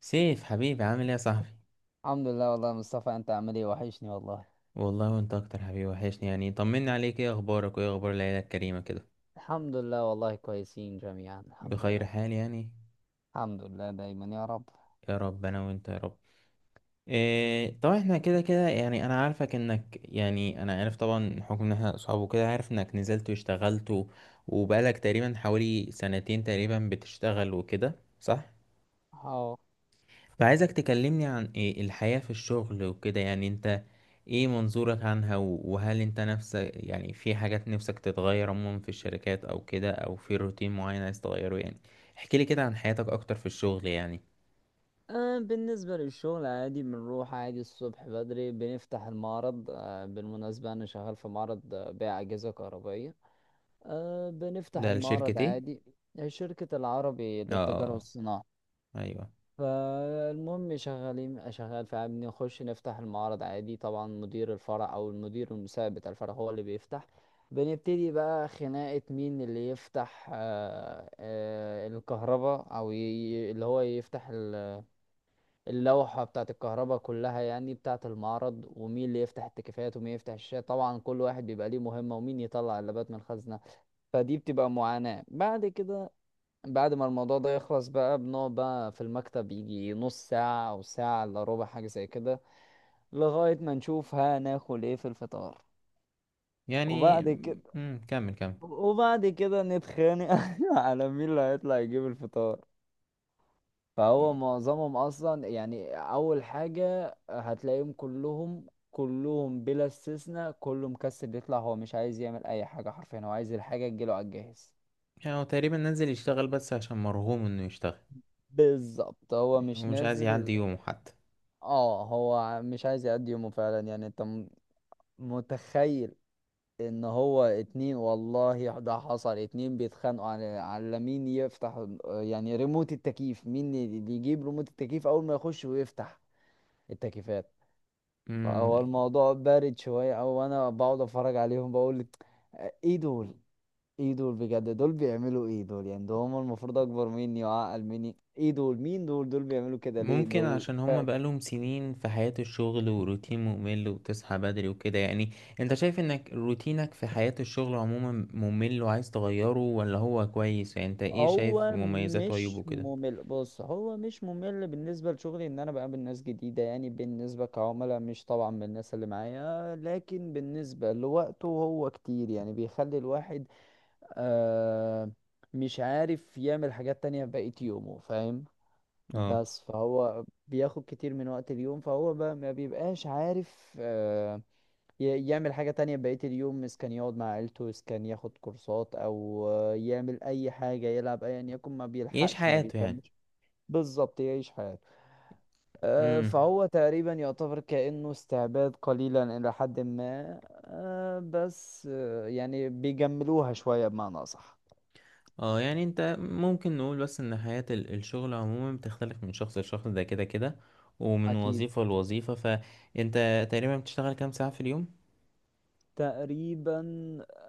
سيف حبيبي، عامل ايه يا صاحبي؟ الحمد لله والله يا مصطفى، انت عامل ايه؟ وحشني والله. والله وانت اكتر، حبيبي، وحشني يعني. طمني عليك، ايه اخبارك وايه اخبار العيله الكريمه كده؟ الحمد لله والله، كويسين جميعا، الحمد بخير لله. حال يعني؟ الحمد لله دايما يا رب. يا رب انا وانت يا رب. إيه، طبعا احنا كده كده يعني، انا عارفك انك، يعني، انا عارف طبعا حكم ان احنا اصحاب وكده، عارف انك نزلت واشتغلت وبقالك تقريبا حوالي سنتين تقريبا بتشتغل وكده. صح؟ اهو. فعايزك تكلمني عن إيه الحياة في الشغل وكده، يعني، انت ايه منظورك عنها، وهل انت نفسك يعني في حاجات نفسك تتغير عموما في الشركات او كده، او في روتين معين عايز تغيره يعني. احكي لي كده عن حياتك اكتر في الشغل يعني. بالنسبة للشغل عادي، بنروح عادي الصبح بدري بنفتح المعرض. بالمناسبة أنا شغال في معرض، بيع أجهزة كهربائية. بنفتح ده المعرض الشركة ايه؟ عادي. شركة العربي اه، آه، للتجارة والصناعة. آه، ايوه. فالمهم شغال، فبنخش نفتح المعرض عادي. طبعا مدير الفرع او المدير المساعد بتاع الفرع هو اللي بيفتح. بنبتدي بقى خناقة مين اللي يفتح، الكهرباء، او اللي هو يفتح اللوحة بتاعة الكهرباء كلها يعني بتاعة المعرض، ومين اللي يفتح التكييفات، ومين يفتح الشاشة. طبعا كل واحد بيبقى ليه مهمة، ومين يطلع اللابات من الخزنة. فدي بتبقى معاناة بعد كده. بعد ما الموضوع ده يخلص بقى بنقعد بقى في المكتب يجي نص ساعة أو ساعة إلا ربع، حاجة زي كده، لغاية ما نشوف هناكل إيه في الفطار. يعني. وبعد كده كمل كمل. وبعد كده نتخانق على مين اللي هيطلع يجيب الفطار. فهو معظمهم أصلا، يعني أول حاجة هتلاقيهم كلهم كلهم بلا استثناء كله مكسل يطلع، هو مش عايز يعمل أي حاجة حرفيا، هو عايز الحاجة تجيله على الجاهز. يعني هو تقريبا نزل يشتغل بس عشان مرغوم انه يشتغل. بالظبط، هو مش ومش عايز نازل. يعدي يومه. اه، هو مش عايز يقضي يومه فعلا. يعني انت متخيل ان هو اتنين، والله ده حصل، اتنين بيتخانقوا على مين يفتح يعني ريموت التكييف، مين اللي يجيب ريموت التكييف اول ما يخش ويفتح التكييفات. فهو حتى. الموضوع بارد شوية، او انا بقعد اتفرج عليهم بقول ايه دول، ايه دول بجد، دول بيعملوا ايه دول يعني؟ ده هم المفروض اكبر مني وعقل مني. ايه دول؟ مين دول؟ دول بيعملوا كده ليه ممكن دول؟ عشان هما بقالهم سنين في حياة الشغل وروتين ممل وتصحى بدري وكده يعني. انت شايف انك روتينك في حياة الشغل عموما ممل وعايز تغيره، ولا هو كويس؟ يعني انت ايه شايف هو مميزات وعيوبه مش كده؟ ممل. بص، هو مش ممل بالنسبة لشغلي، ان انا بقابل ناس جديدة يعني بالنسبة كعملاء، مش طبعا من الناس اللي معايا، لكن بالنسبة لوقته هو كتير، يعني بيخلي الواحد آه مش عارف يعمل حاجات تانية بقية يومه، فاهم. اه. بس فهو بياخد كتير من وقت اليوم، فهو بقى ما بيبقاش عارف يعمل حاجة تانية بقية اليوم، إذا كان يقعد مع عيلته، إذا كان ياخد كورسات، أو يعمل أي حاجة، يلعب أيا يكن، ما يعيش بيلحقش ما حياته يعني. بيكملش. بالظبط يعيش حياته. امم. فهو تقريبا يعتبر كأنه استعباد قليلا إلى حد ما، بس يعني بيجملوها شوية بمعنى أصح. اه، يعني انت ممكن نقول بس ان حياة الشغل عموما بتختلف من شخص لشخص ده كده كده. ومن أكيد. وظيفة لوظيفة، فانت تقريبا بتشتغل كام ساعة في اليوم؟ تقريبا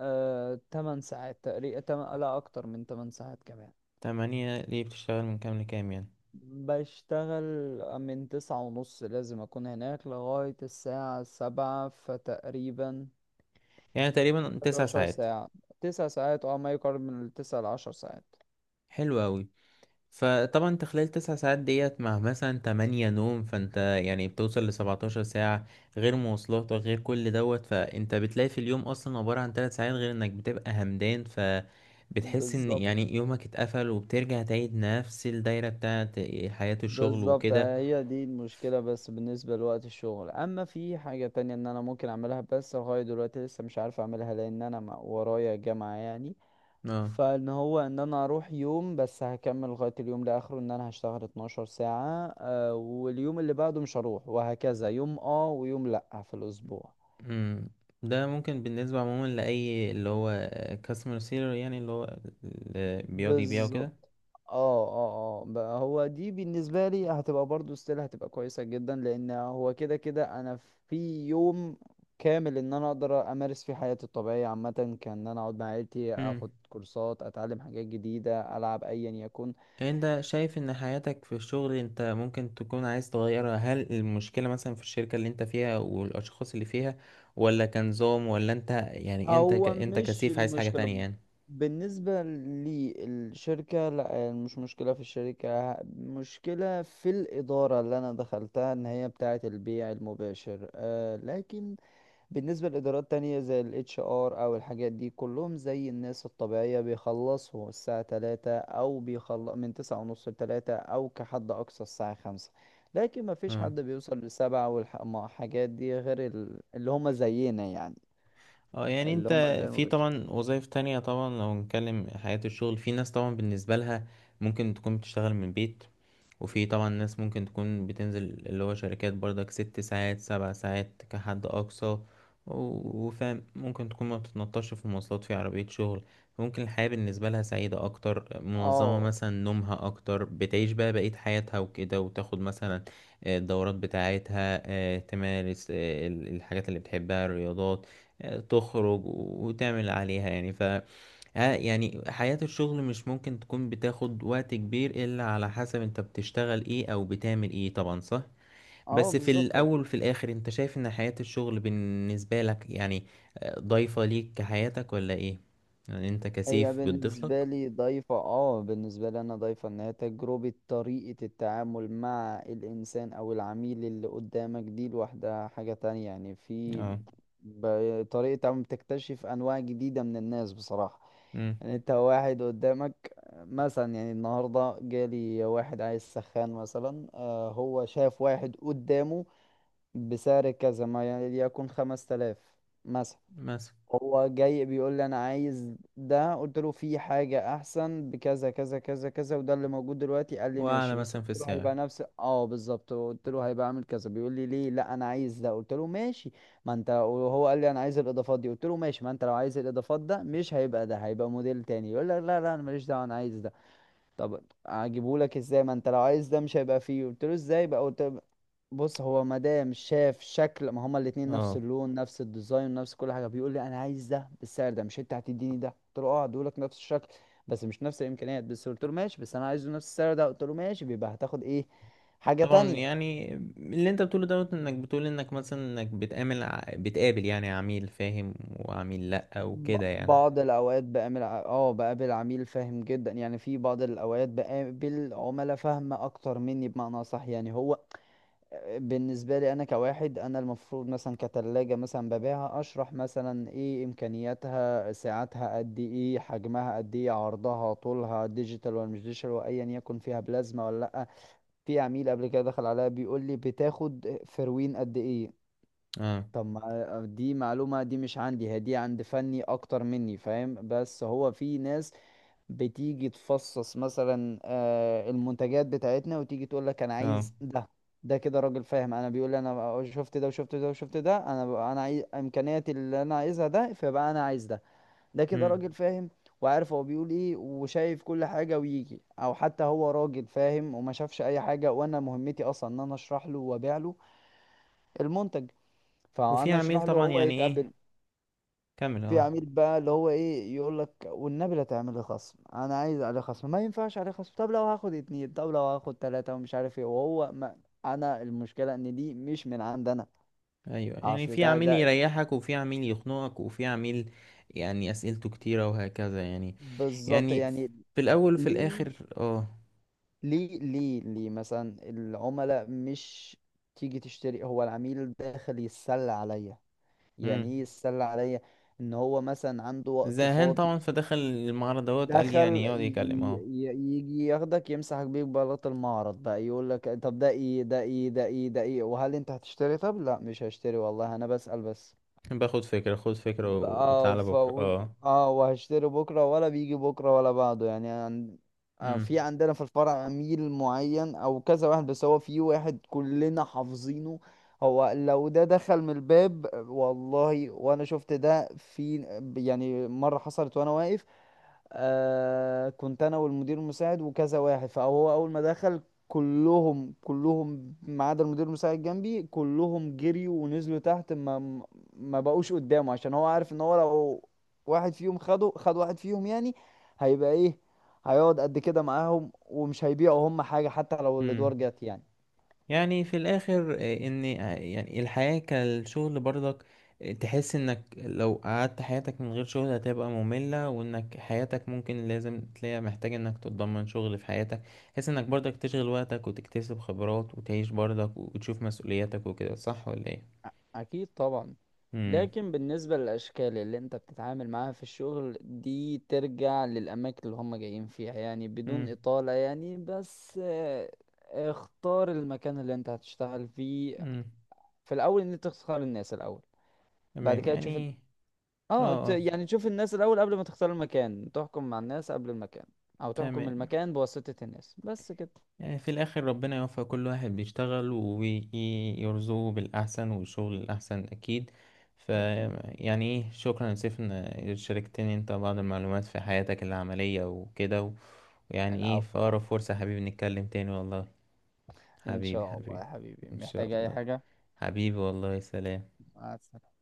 8 ساعات تقريبا، لا أكتر من 8 ساعات كمان. 8؟ ليه بتشتغل من كام لكام يعني؟ بشتغل من 9:30، لازم أكون هناك لغاية الساعة 7، فتقريبا يعني تقريبا تسع 11 ساعات ساعة. 9 ساعات اه، ما يقارب من التسع لعشر ساعات. حلو أوي. فطبعا انت خلال 9 ساعات ديت مع مثلا 8 نوم، فانت يعني بتوصل لسبعتاشر ساعة، غير مواصلات وغير كل دوت، فانت بتلاقي في اليوم أصلا عبارة عن 3 ساعات، غير انك بتبقى همدان، فبتحس ان بالظبط. يعني يومك اتقفل، وبترجع تعيد نفس الدايرة بتاعت حياة الشغل بالظبط، وكده. هي دي المشكلة. بس بالنسبة لوقت الشغل، أما في حاجة تانية إن أنا ممكن أعملها، بس لغاية دلوقتي لسه مش عارف أعملها، لأن أنا ورايا جامعة يعني. اه. فان هو ان انا اروح يوم بس هكمل لغاية اليوم لاخره، ان انا هشتغل 12 ساعة، واليوم اللي بعده مش هروح، وهكذا يوم اه ويوم لا في الاسبوع. امم. ده ممكن بالنسبة عموما لأي اللي هو كاستمر سيلر، يعني اللي هو اللي بيقعد يبيع بالظبط. وكده. اه، اه، اه، بقى هو دي بالنسبة لي هتبقى برضو ستيل، هتبقى كويسة جدا لان هو كده كده انا في يوم كامل ان انا اقدر امارس فيه حياتي الطبيعية عامة، كان ان انا اقعد مع عيلتي، اخد كورسات، اتعلم حاجات جديدة، العب ايا يكن. انت شايف ان حياتك في الشغل، انت ممكن تكون عايز تغيرها؟ هل المشكلة مثلا في الشركة اللي انت فيها والاشخاص اللي فيها، ولا كنظام، ولا انت يعني انت هو انت مش كسيف عايز حاجة المشكلة. تانية يعني؟ بالنسبة للشركة لا، مش مشكلة في الشركة، مشكلة في الإدارة اللي أنا دخلتها، إن هي بتاعة البيع المباشر. آه، لكن بالنسبة لإدارات تانية زي ال HR أو الحاجات دي كلهم زي الناس الطبيعية، بيخلصوا الساعة 3، أو بيخلص من 9:30 لـ3، أو كحد أقصى الساعة 5. لكن مفيش حد بيوصل لـ7 والحاجات دي غير اللي هما زينا يعني، اه، يعني اللي انت هم البيع في المباشر. طبعا وظائف تانية، طبعا لو نتكلم حياة الشغل، في ناس طبعا بالنسبة لها ممكن تكون بتشتغل من البيت. وفي طبعا ناس ممكن تكون بتنزل اللي هو شركات برضك، 6 ساعات 7 ساعات كحد أقصى وفاهم، ممكن تكون ما بتتنطش في المواصلات، في عربية شغل. ممكن الحياة بالنسبة لها سعيدة أكتر، منظمة اه مثلا، نومها أكتر، بتعيش بقى بقية حياتها وكده، وتاخد مثلا الدورات بتاعتها، تمارس، الحاجات اللي بتحبها، الرياضات، تخرج وتعمل عليها، يعني ف يعني حياة الشغل مش ممكن تكون بتاخد وقت كبير، إلا على حسب انت بتشتغل ايه او بتعمل ايه، طبعا، صح. اه بس في بالظبط الأول اكيد. وفي الآخر، انت شايف ان حياة الشغل بالنسبة لك، يعني، ضايفة ليك كحياتك ولا ايه؟ يعني انت هي كسيف بتضيف بالنسبه لك؟ لي ضيفه. اه، بالنسبه لي انا ضيفه ان هي تجربه، طريقه التعامل مع الانسان او العميل اللي قدامك دي لوحدها حاجه تانية يعني. في اه. طريقه تعامل، بتكتشف انواع جديده من الناس بصراحه. امم. يعني انت واحد قدامك مثلا، يعني النهارده جالي واحد عايز سخان مثلا. آه، هو شاف واحد قدامه بسعر كذا، ما يعني يكون 5000 مثلا، مثلا. هو جاي بيقول لي انا عايز ده، قلت له في حاجة احسن بكذا كذا كذا كذا وده اللي موجود دلوقتي، قال لي وأعلى ماشي. بس مثلا قلت في له هيبقى السعر. نفس، اه بالظبط، قلت له هيبقى عامل كذا، بيقول لي ليه؟ لا، انا عايز ده، قلت له ماشي. ما انت وهو قال لي انا عايز الاضافات دي، قلت له ماشي، ما انت لو عايز الاضافات ده مش هيبقى ده، هيبقى موديل تاني. يقول لك لا لا، انا ماليش دعوة، انا عايز ده. طب اجيبه لك ازاي؟ ما انت لو عايز ده مش هيبقى فيه. قلت له ازاي بقى؟ قلت له بص، هو مدام شاف شكل ما هما الاتنين نفس اه، اللون نفس الديزاين نفس كل حاجه، بيقول لي انا عايز ده بالسعر ده، مش انت هتديني ده؟ قلت له اه هديهولك نفس الشكل بس مش نفس الامكانيات. بس قلت له ماشي بس انا عايزه نفس السعر ده، قلت له ماشي، بيبقى هتاخد ايه؟ حاجه طبعا، تانية. يعني اللي انت بتقوله دوت، انك بتقول انك مثلا انك بتقابل بتقابل، يعني، عميل فاهم وعميل لأ وكده يعني. بعض الاوقات بقابل بقابل عميل فاهم جدا، يعني في بعض الاوقات بقابل عملاء فاهمه اكتر مني بمعنى صح. يعني هو بالنسبة لي أنا كواحد، أنا المفروض مثلا كتلاجة مثلا ببيعها، أشرح مثلا إيه إمكانياتها، سعتها قد إيه، حجمها قد إيه، عرضها طولها، ديجيتال ولا مش ديجيتال، وأيا يكن فيها بلازما ولا لأ. في عميل قبل كده دخل عليا بيقول لي بتاخد فروين قد إيه؟ اه، طب ما دي معلومة دي مش عندي، هي دي عند فني أكتر مني فاهم. بس هو في ناس بتيجي تفصص مثلا المنتجات بتاعتنا وتيجي تقول لك انا اه، عايز ده، ده كده راجل فاهم. انا بيقول لي انا شفت ده وشفت ده وشفت ده، انا انا عايز امكانياتي اللي انا عايزها ده، فيبقى انا عايز ده. ده كده امم. راجل فاهم وعارف هو بيقول ايه وشايف كل حاجة ويجي. او حتى هو راجل فاهم وما شافش اي حاجة، وانا مهمتي اصلا ان انا اشرح له وابيع له المنتج، وفي فانا عميل اشرح له طبعا، هو يعني ايه، يتقبل. كمل. في اه. عميل بقى اللي هو ايه يقول لك والنبي لا تعمل لي خصم، انا عايز عليه خصم، ما ينفعش عليه خصم، طب لو هاخد اتنين، طب لو هاخد تلاتة، ومش عارف ايه. وهو ما، انا المشكلة ان دي مش من عند انا. ايوه، يعني اصل في عميل ده. يريحك وفي عميل يخنقك وفي عميل، يعني اسئلته كتيرة وهكذا، يعني. بالظبط يعني يعني. في الاول وفي ليه الاخر، اه. ليه ليه ليه مثلا العملاء مش تيجي تشتري؟ هو العميل داخل يتسلى عليا، يعني امم. ايه يتسلى عليا؟ ان هو مثلا عنده وقت زهقان فاضي، طبعا، فدخل المعرض دوت، قال يعني دخل يقعد يكلم، اه. يجي ياخدك يمسحك بيك بلاط المعرض بقى. يقول لك طب ده ايه؟ ده ايه؟ ده ايه؟ ده ايه؟ وهل انت هتشتري؟ طب لا مش هشتري، والله انا بسأل بس. باخد فكرة، خد فكرة. ب- اه وتعالى ف بكرة، اه. اه، وهشتري بكره، ولا بيجي بكره ولا بعده يعني عن... في امم. عندنا في الفرع عميل معين او كذا واحد، بس هو في واحد كلنا حافظينه. هو لو ده دخل من الباب، والله وانا شفت ده. في يعني مره حصلت وانا واقف، كنت انا والمدير المساعد وكذا واحد، فهو اول ما دخل كلهم كلهم ما عدا المدير المساعد جنبي، كلهم جريوا ونزلوا تحت. ما بقوش قدامه عشان هو عارف ان هو لو واحد فيهم خده، واحد فيهم يعني، هيبقى ايه، هيقعد قد كده معاهم ومش هيبيعوا هم حاجة حتى لو امم. الادوار جت يعني. يعني في الاخر، ان يعني الحياة كالشغل برضك، تحس انك لو قعدت حياتك من غير شغل هتبقى مملة، وانك حياتك ممكن لازم تلاقي، محتاج انك تتضمن شغل في حياتك. تحس انك برضك تشغل وقتك وتكتسب خبرات وتعيش برضك وتشوف مسؤولياتك وكده، صح ولا ايه؟ أكيد طبعا. امم. لكن بالنسبة للأشكال اللي أنت بتتعامل معاها في الشغل دي ترجع للأماكن اللي هم جايين فيها يعني، بدون امم. إطالة يعني، بس اختار المكان اللي أنت هتشتغل فيه. امم. في الأول إن أنت تختار الناس الأول، بعد تمام كده تشوف يعني. اه، اه، اه. يعني تشوف الناس الأول قبل ما تختار المكان، تحكم مع الناس قبل المكان، أو تحكم تمام، المكان بواسطة الناس، بس كده. يعني في الآخر ربنا يوفق كل واحد بيشتغل ويرزقه بالأحسن، والشغل الأحسن أكيد. ف أكيد. يعني إيه، شكرا يا سيف إن شاركتني أنت بعض المعلومات في حياتك العملية وكده، ويعني إيه، في العفو أقرب العفو. فرصة يا حبيبي نتكلم تاني والله. إن حبيبي، شاء الله حبيبي. يا حبيبي، إن شاء محتاج أي الله. حاجة. حبيبي، والله، سلام. مع السلامة.